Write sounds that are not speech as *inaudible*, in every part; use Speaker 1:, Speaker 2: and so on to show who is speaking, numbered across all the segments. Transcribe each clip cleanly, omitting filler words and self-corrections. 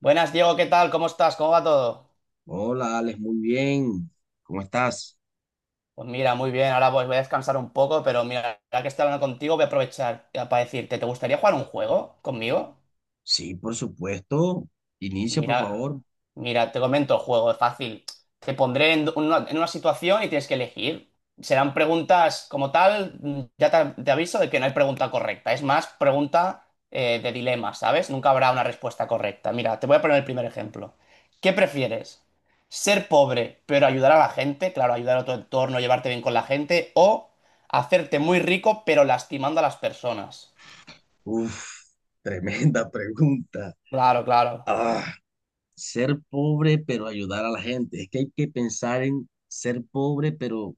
Speaker 1: Buenas, Diego, ¿qué tal? ¿Cómo estás? ¿Cómo va todo?
Speaker 2: Hola, Alex, muy bien. ¿Cómo estás?
Speaker 1: Pues mira, muy bien, ahora pues voy a descansar un poco, pero mira, ya que estoy hablando contigo, voy a aprovechar para decirte, ¿te gustaría jugar un juego conmigo?
Speaker 2: Sí, por supuesto. Inicia, por
Speaker 1: Mira,
Speaker 2: favor.
Speaker 1: mira, te comento, juego es fácil. Te pondré en una situación y tienes que elegir. Serán preguntas como tal, ya te aviso de que no hay pregunta correcta. Es más, pregunta de dilema, ¿sabes? Nunca habrá una respuesta correcta. Mira, te voy a poner el primer ejemplo. ¿Qué prefieres? ¿Ser pobre pero ayudar a la gente? Claro, ayudar a tu entorno, llevarte bien con la gente. ¿O hacerte muy rico pero lastimando a las personas?
Speaker 2: Uf, tremenda *laughs* pregunta.
Speaker 1: Claro, claro.
Speaker 2: Ah, ser pobre pero ayudar a la gente. Es que hay que pensar en ser pobre, pero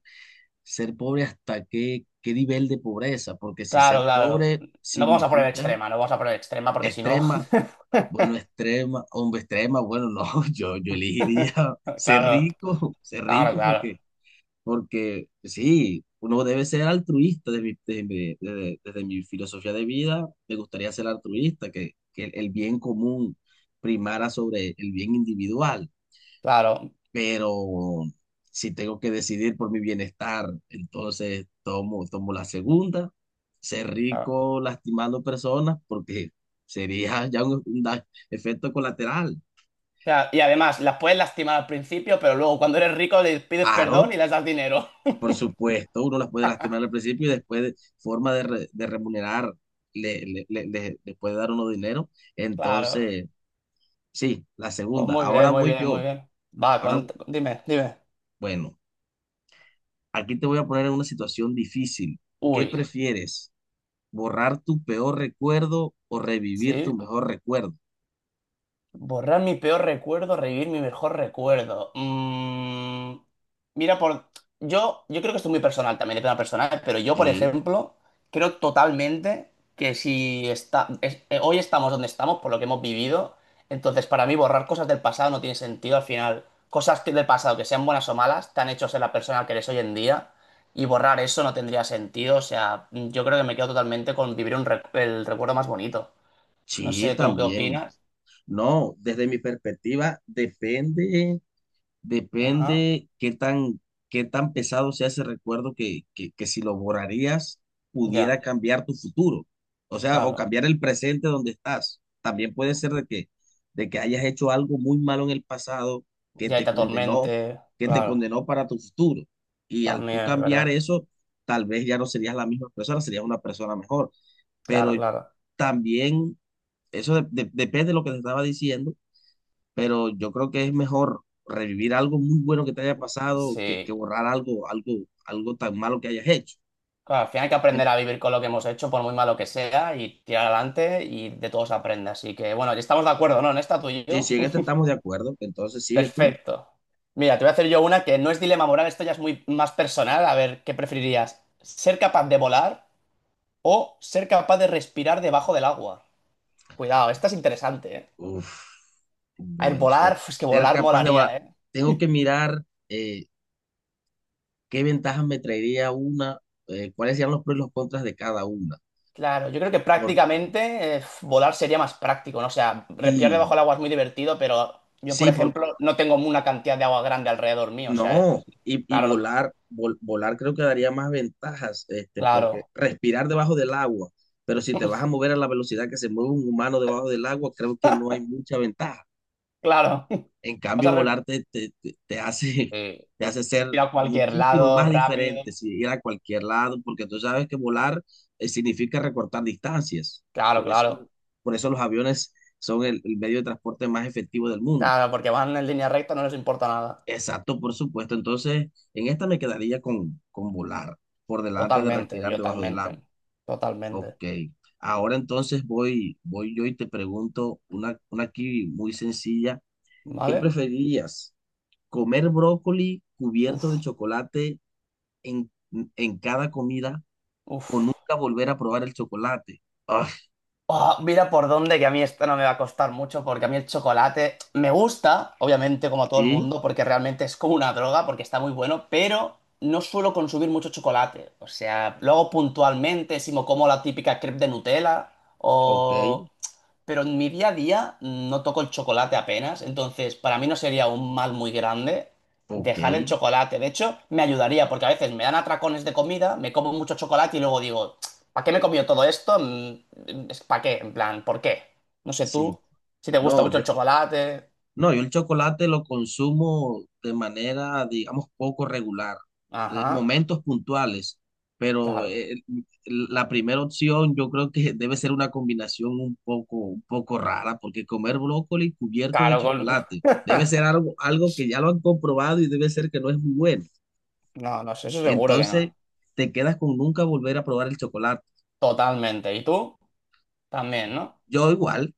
Speaker 2: ser pobre hasta qué nivel de pobreza, porque si ser
Speaker 1: Claro, claro.
Speaker 2: pobre
Speaker 1: No vamos a poner
Speaker 2: significa
Speaker 1: extrema, no vamos a poner extrema porque si no.
Speaker 2: extrema, bueno, extrema, hombre, extrema, bueno, no, *laughs* yo elegiría
Speaker 1: *laughs*
Speaker 2: ser
Speaker 1: Claro,
Speaker 2: rico, *laughs* ser
Speaker 1: claro,
Speaker 2: rico
Speaker 1: claro,
Speaker 2: porque Porque sí, uno debe ser altruista desde desde mi filosofía de vida. Me gustaría ser altruista, que el bien común primara sobre el bien individual.
Speaker 1: claro,
Speaker 2: Pero si tengo que decidir por mi bienestar, entonces tomo la segunda, ser
Speaker 1: claro. O
Speaker 2: rico lastimando personas, porque sería ya un efecto colateral.
Speaker 1: sea, y además, las puedes lastimar al principio, pero luego cuando eres rico les pides perdón
Speaker 2: Aro.
Speaker 1: y les das dinero. *laughs*
Speaker 2: Por supuesto, uno las puede lastimar al principio y después de forma de remunerar , le puede dar uno dinero.
Speaker 1: Claro.
Speaker 2: Entonces, sí, la
Speaker 1: Pues
Speaker 2: segunda.
Speaker 1: muy
Speaker 2: Ahora
Speaker 1: bien, muy
Speaker 2: voy
Speaker 1: bien, muy
Speaker 2: yo.
Speaker 1: bien. Va,
Speaker 2: Ahora,
Speaker 1: cont- dime, dime.
Speaker 2: bueno, aquí te voy a poner en una situación difícil. ¿Qué
Speaker 1: Uy,
Speaker 2: prefieres? ¿Borrar tu peor recuerdo o revivir
Speaker 1: sí.
Speaker 2: tu mejor recuerdo?
Speaker 1: Borrar mi peor recuerdo, revivir mi mejor recuerdo. Mira, por. Yo creo que esto es muy personal también, depende de la persona, pero yo, por
Speaker 2: Sí,
Speaker 1: ejemplo, creo totalmente que si está, es- hoy estamos donde estamos, por lo que hemos vivido, entonces para mí borrar cosas del pasado no tiene sentido al final. Cosas que del pasado, que sean buenas o malas, te han hecho ser la persona que eres hoy en día, y borrar eso no tendría sentido. O sea, yo creo que me quedo totalmente con vivir un rec- el recuerdo más bonito. No
Speaker 2: sí,
Speaker 1: sé, ¿tú qué
Speaker 2: también.
Speaker 1: opinas?
Speaker 2: No, desde mi perspectiva, depende
Speaker 1: Ajá.
Speaker 2: Depende qué tan pesado sea ese recuerdo que si lo borrarías pudiera
Speaker 1: Ya,
Speaker 2: cambiar tu futuro. O sea, o
Speaker 1: claro.
Speaker 2: cambiar el presente donde estás. También puede ser de que hayas hecho algo muy malo en el pasado que
Speaker 1: Ya
Speaker 2: te
Speaker 1: está
Speaker 2: condenó,
Speaker 1: Tormente,
Speaker 2: que te
Speaker 1: claro.
Speaker 2: condenó para tu futuro. Y al tú
Speaker 1: También, es
Speaker 2: cambiar
Speaker 1: ¿verdad?
Speaker 2: eso, tal vez ya no serías la misma persona, serías una persona mejor. Pero
Speaker 1: Claro, claro.
Speaker 2: también, eso depende de lo que te estaba diciendo, pero yo creo que es mejor revivir algo muy bueno que te haya pasado que
Speaker 1: Sí.
Speaker 2: borrar algo tan malo que hayas hecho.
Speaker 1: Claro, al final hay que
Speaker 2: En-.
Speaker 1: aprender a vivir con lo que hemos hecho, por muy malo que sea, y tirar adelante y de todo se aprende. Así que, bueno, estamos de acuerdo, ¿no? En esta tú y
Speaker 2: Sí,
Speaker 1: yo.
Speaker 2: si en este estamos de acuerdo, entonces
Speaker 1: *laughs*
Speaker 2: sigue tú.
Speaker 1: Perfecto. Mira, te voy a hacer yo una que no es dilema moral, esto ya es muy más personal. A ver, ¿qué preferirías? ¿Ser capaz de volar o ser capaz de respirar debajo del agua? Cuidado, esta es interesante, ¿eh?
Speaker 2: Uf,
Speaker 1: A ver,
Speaker 2: bueno, ser,
Speaker 1: volar, pues que
Speaker 2: ser
Speaker 1: volar
Speaker 2: capaz de borrar.
Speaker 1: molaría, ¿eh?
Speaker 2: Tengo que mirar qué ventajas me traería una, cuáles serían los pros y los contras de cada una.
Speaker 1: Claro, yo creo que
Speaker 2: Porque
Speaker 1: prácticamente volar sería más práctico, ¿no? O sea, respirar debajo
Speaker 2: sí,
Speaker 1: del agua es muy divertido, pero yo, por
Speaker 2: sí, porque
Speaker 1: ejemplo, no tengo una cantidad de agua grande alrededor mío, o sea,
Speaker 2: no, y, y
Speaker 1: claro, no-
Speaker 2: volar, vol- volar creo que daría más ventajas, este, porque
Speaker 1: claro,
Speaker 2: respirar debajo del agua, pero si te vas a mover a la velocidad que se mueve un humano debajo del agua, creo que no hay mucha ventaja.
Speaker 1: claro.
Speaker 2: En
Speaker 1: *laughs* Vas a
Speaker 2: cambio,
Speaker 1: re-
Speaker 2: volar te hace,
Speaker 1: Sí.
Speaker 2: *laughs* te hace ser
Speaker 1: Ir a cualquier
Speaker 2: muchísimo
Speaker 1: lado
Speaker 2: más
Speaker 1: rápido.
Speaker 2: diferente si ir a cualquier lado, porque tú sabes que volar, significa recortar distancias.
Speaker 1: Claro,
Speaker 2: Por eso,
Speaker 1: claro,
Speaker 2: por eso los aviones son el medio de transporte más efectivo del mundo.
Speaker 1: claro, porque van en línea recta, no les importa nada.
Speaker 2: Exacto, por supuesto. Entonces, en esta me quedaría con volar, por delante de
Speaker 1: Totalmente, yo
Speaker 2: respirar debajo del
Speaker 1: totalmente,
Speaker 2: agua. Ok.
Speaker 1: totalmente,
Speaker 2: Ahora entonces voy yo y te pregunto una aquí muy sencilla. ¿Qué
Speaker 1: ¿vale?
Speaker 2: preferirías? ¿Comer brócoli cubierto de
Speaker 1: Uf,
Speaker 2: chocolate en, en cada comida o
Speaker 1: uf.
Speaker 2: nunca volver a probar el chocolate? Ah,
Speaker 1: Oh, mira por dónde, que a mí esto no me va a costar mucho, porque a mí el chocolate me gusta, obviamente, como a todo el
Speaker 2: sí,
Speaker 1: mundo, porque realmente es como una droga, porque está muy bueno, pero no suelo consumir mucho chocolate. O sea, lo hago puntualmente, si me como la típica crepe de Nutella,
Speaker 2: ok,
Speaker 1: o... Pero en mi día a día no toco el chocolate apenas, entonces para mí no sería un mal muy grande
Speaker 2: ok,
Speaker 1: dejar el chocolate. De hecho, me ayudaría, porque a veces me dan atracones de comida, me como mucho chocolate y luego digo... ¿Para qué me he comido todo esto? ¿Para qué? En plan, ¿por qué? No sé
Speaker 2: sí.
Speaker 1: tú, si te gusta
Speaker 2: No,
Speaker 1: mucho
Speaker 2: yo,
Speaker 1: el chocolate.
Speaker 2: No, yo el chocolate lo consumo de manera, digamos, poco regular, en
Speaker 1: Ajá,
Speaker 2: momentos puntuales, pero
Speaker 1: claro.
Speaker 2: la primera opción yo creo que debe ser una combinación un poco rara, porque comer brócoli cubierto de
Speaker 1: Claro, con...
Speaker 2: chocolate debe ser
Speaker 1: *laughs*
Speaker 2: algo que ya lo han comprobado y debe ser que no es muy bueno.
Speaker 1: No, no sé, eso seguro que no.
Speaker 2: Entonces, te quedas con nunca volver a probar el chocolate.
Speaker 1: Totalmente. ¿Y tú? También, ¿no?
Speaker 2: Yo igual,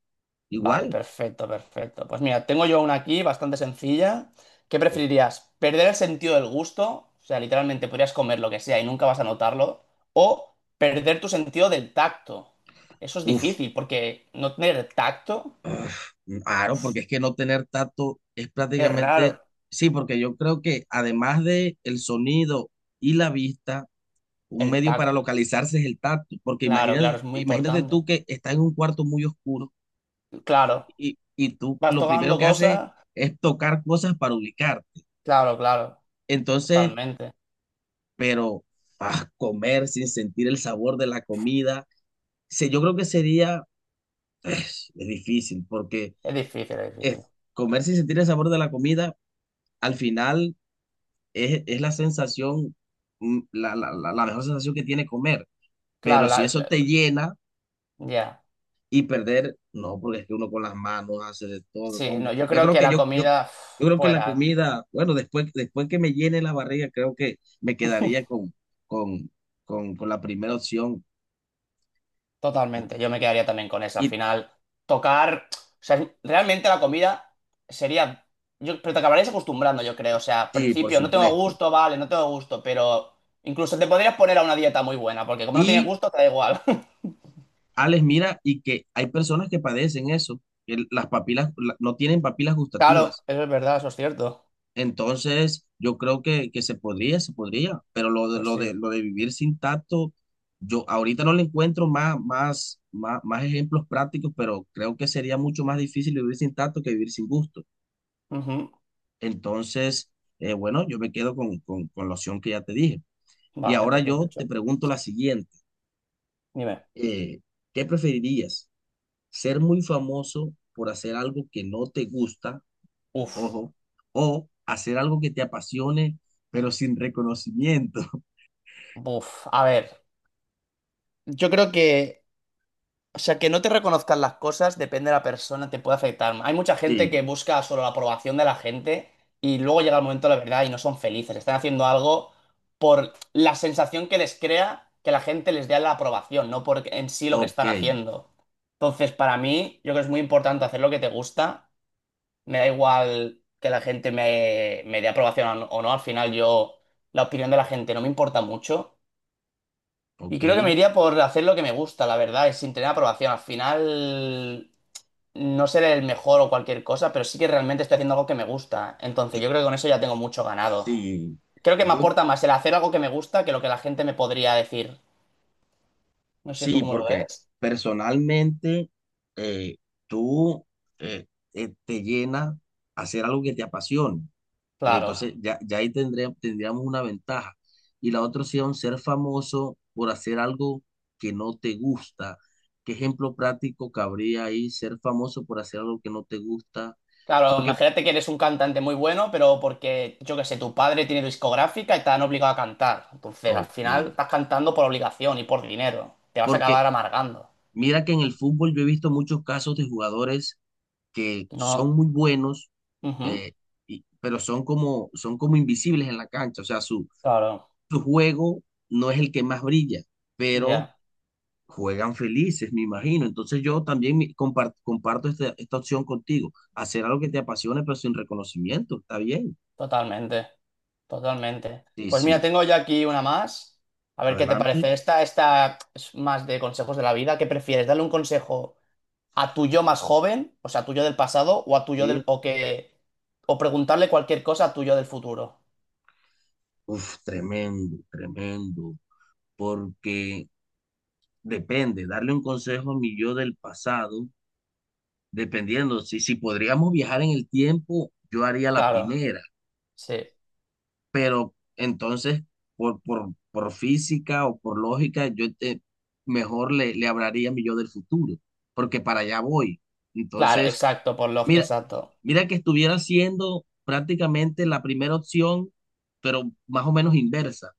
Speaker 1: Vale,
Speaker 2: igual.
Speaker 1: perfecto, perfecto. Pues mira, tengo yo una aquí bastante sencilla. ¿Qué preferirías? ¿Perder el sentido del gusto? O sea, literalmente podrías comer lo que sea y nunca vas a notarlo. ¿O perder tu sentido del tacto? Eso es
Speaker 2: Uf,
Speaker 1: difícil, porque no tener tacto
Speaker 2: Uf, claro, porque es que no tener tacto es
Speaker 1: es
Speaker 2: prácticamente,
Speaker 1: raro.
Speaker 2: sí, porque yo creo que además de el sonido y la vista, un
Speaker 1: El
Speaker 2: medio para
Speaker 1: tacto,
Speaker 2: localizarse es el tacto, porque
Speaker 1: claro, claro,
Speaker 2: imagínate,
Speaker 1: es muy
Speaker 2: imagínate tú
Speaker 1: importante.
Speaker 2: que estás en un cuarto muy oscuro
Speaker 1: Claro,
Speaker 2: y tú
Speaker 1: vas
Speaker 2: lo primero
Speaker 1: tocando
Speaker 2: que haces
Speaker 1: cosas,
Speaker 2: es tocar cosas para ubicarte.
Speaker 1: claro, claro,
Speaker 2: Entonces,
Speaker 1: totalmente.
Speaker 2: pero ah, comer sin sentir el sabor de la comida, se- yo creo que sería, es difícil, porque
Speaker 1: Es difícil, es difícil.
Speaker 2: es, comer sin sentir el sabor de la comida, al final es la sensación, la, la, la, la mejor sensación que tiene comer.
Speaker 1: Claro,
Speaker 2: Pero si
Speaker 1: la-
Speaker 2: eso
Speaker 1: la-
Speaker 2: te llena
Speaker 1: ya.
Speaker 2: y perder, no, porque es que uno con las manos hace de todo, no,
Speaker 1: Sí, no,
Speaker 2: hombre.
Speaker 1: yo
Speaker 2: Yo
Speaker 1: creo
Speaker 2: creo
Speaker 1: que
Speaker 2: que
Speaker 1: la comida
Speaker 2: yo
Speaker 1: uf,
Speaker 2: creo que la
Speaker 1: fuera,
Speaker 2: comida, bueno, después que me llene la barriga, creo que me quedaría con, con la primera opción.
Speaker 1: totalmente. Yo me quedaría también con esa. Al
Speaker 2: Y
Speaker 1: final, tocar, o sea, es- realmente la comida sería, yo, pero te acabarías acostumbrando, yo creo. O sea, al
Speaker 2: sí, por
Speaker 1: principio no tengo
Speaker 2: supuesto.
Speaker 1: gusto, vale, no tengo gusto, pero incluso te podrías poner a una dieta muy buena, porque como no tienes
Speaker 2: Y
Speaker 1: gusto, te da igual. *laughs*
Speaker 2: Alex, mira, y que hay personas que padecen eso, que las papilas, la- no tienen papilas
Speaker 1: Claro,
Speaker 2: gustativas.
Speaker 1: eso es verdad, eso es cierto.
Speaker 2: Entonces, yo creo que se podría, pero lo
Speaker 1: Pues sí.
Speaker 2: de vivir sin tacto, yo ahorita no le encuentro más ejemplos prácticos, pero creo que sería mucho más difícil vivir sin tacto que vivir sin gusto.
Speaker 1: Ujú.
Speaker 2: Entonces, bueno, yo me quedo con la opción que ya te dije. Y
Speaker 1: Vale,
Speaker 2: ahora
Speaker 1: pues bien
Speaker 2: yo te
Speaker 1: hecho.
Speaker 2: pregunto la siguiente,
Speaker 1: Dime.
Speaker 2: eh, ¿qué preferirías? ¿Ser muy famoso por hacer algo que no te gusta,
Speaker 1: Uf,
Speaker 2: ojo, o hacer algo que te apasione, pero sin reconocimiento?
Speaker 1: uf. A ver, yo creo que, o sea, que no te reconozcan las cosas depende de la persona, te puede afectar. Hay mucha gente
Speaker 2: Sí,
Speaker 1: que busca solo la aprobación de la gente y luego llega el momento de la verdad y no son felices. Están haciendo algo por la sensación que les crea que la gente les dé la aprobación, no por en sí lo que
Speaker 2: ok,
Speaker 1: están haciendo. Entonces, para mí, yo creo que es muy importante hacer lo que te gusta me da igual que la gente me dé aprobación o no, al final yo, la opinión de la gente no me importa mucho. Y
Speaker 2: ok.
Speaker 1: creo que me iría por hacer lo que me gusta, la verdad, y sin tener aprobación. Al final, no seré el mejor o cualquier cosa, pero sí que realmente estoy haciendo algo que me gusta. Entonces,
Speaker 2: Yo-
Speaker 1: yo creo que con eso ya tengo mucho ganado.
Speaker 2: sí,
Speaker 1: Creo que me
Speaker 2: yo
Speaker 1: aporta más el hacer algo que me gusta que lo que la gente me podría decir. No sé tú
Speaker 2: sí,
Speaker 1: cómo lo
Speaker 2: porque
Speaker 1: ves.
Speaker 2: personalmente eh, tú eh, te llena hacer algo que te apasione.
Speaker 1: Claro.
Speaker 2: Entonces ya ahí tendríamos una ventaja. Y la otra opción, ser famoso por hacer algo que no te gusta. ¿Qué ejemplo práctico cabría ahí? Ser famoso por hacer algo que no te gusta.
Speaker 1: Claro,
Speaker 2: Porque,
Speaker 1: imagínate que eres un cantante muy bueno, pero porque, yo qué sé, tu padre tiene discográfica y te han obligado a cantar. Entonces, al
Speaker 2: ok,
Speaker 1: final estás cantando por obligación y por dinero. Te vas a
Speaker 2: porque
Speaker 1: acabar amargando.
Speaker 2: mira que en el fútbol yo he visto muchos casos de jugadores que
Speaker 1: No.
Speaker 2: son muy buenos,
Speaker 1: Ujú.
Speaker 2: eh, pero son como invisibles en la cancha. O sea, su,
Speaker 1: Claro,
Speaker 2: su juego no es el que más brilla, pero
Speaker 1: ya,
Speaker 2: juegan felices, me imagino. Entonces yo también comparto esta, esta opción contigo. Hacer algo que te apasione, pero sin reconocimiento. Está bien.
Speaker 1: totalmente, totalmente.
Speaker 2: Sí,
Speaker 1: Pues mira,
Speaker 2: sí.
Speaker 1: tengo ya aquí una más. A ver qué te
Speaker 2: Adelante.
Speaker 1: parece. Esta es más de consejos de la vida. ¿Qué prefieres? ¿Darle un consejo a tu yo más joven, o sea, a tu yo del pasado, o a tu yo del,
Speaker 2: Sí.
Speaker 1: o que, o preguntarle cualquier cosa a tu yo del futuro?
Speaker 2: Uf, tremendo, tremendo. Porque depende, darle un consejo a mi yo del pasado. Dependiendo, si podríamos viajar en el tiempo, yo haría la
Speaker 1: Claro,
Speaker 2: primera,
Speaker 1: sí.
Speaker 2: pero entonces por física o por lógica, yo te, mejor le hablaría a mi yo del futuro, porque para allá voy.
Speaker 1: Claro,
Speaker 2: Entonces,
Speaker 1: exacto, por lo
Speaker 2: mira,
Speaker 1: exacto.
Speaker 2: mira que estuviera siendo prácticamente la primera opción, pero más o menos inversa,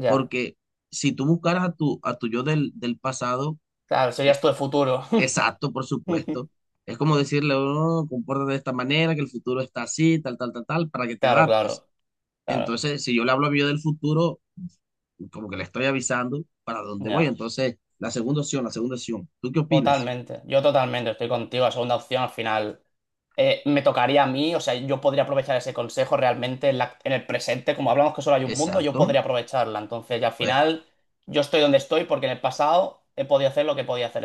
Speaker 1: Ya.
Speaker 2: porque si tú buscaras a tu yo del pasado.
Speaker 1: Claro, serías tú el futuro.
Speaker 2: Exacto, por supuesto.
Speaker 1: *laughs*
Speaker 2: Es como decirle, oh, compórtate de esta manera, que el futuro está así, tal, tal, tal, tal, para que te
Speaker 1: Claro,
Speaker 2: adaptes.
Speaker 1: claro, claro.
Speaker 2: Entonces, si yo le hablo a mí del futuro, como que le estoy avisando para dónde voy.
Speaker 1: Ya.
Speaker 2: Entonces, la segunda opción, la segunda opción. ¿Tú qué opinas?
Speaker 1: Totalmente. Yo totalmente estoy contigo. La segunda opción al final me tocaría a mí. O sea, yo podría aprovechar ese consejo realmente en, la- en el presente. Como hablamos que solo hay un mundo, yo
Speaker 2: Exacto,
Speaker 1: podría aprovecharla. Entonces, ya al
Speaker 2: pues,
Speaker 1: final, yo estoy donde estoy porque en el pasado he podido hacer lo que podía hacer.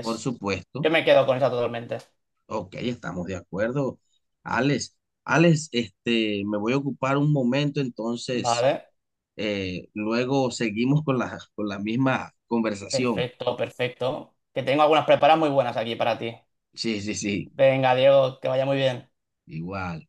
Speaker 2: por
Speaker 1: yo
Speaker 2: supuesto.
Speaker 1: me quedo con esa totalmente.
Speaker 2: Ok, estamos de acuerdo. Alex, Alex, este, me voy a ocupar un momento, entonces,
Speaker 1: Vale.
Speaker 2: luego seguimos con la misma conversación.
Speaker 1: Perfecto, perfecto. Que tengo algunas preparadas muy buenas aquí para ti.
Speaker 2: Sí,
Speaker 1: Venga, Diego, que vaya muy bien.
Speaker 2: igual.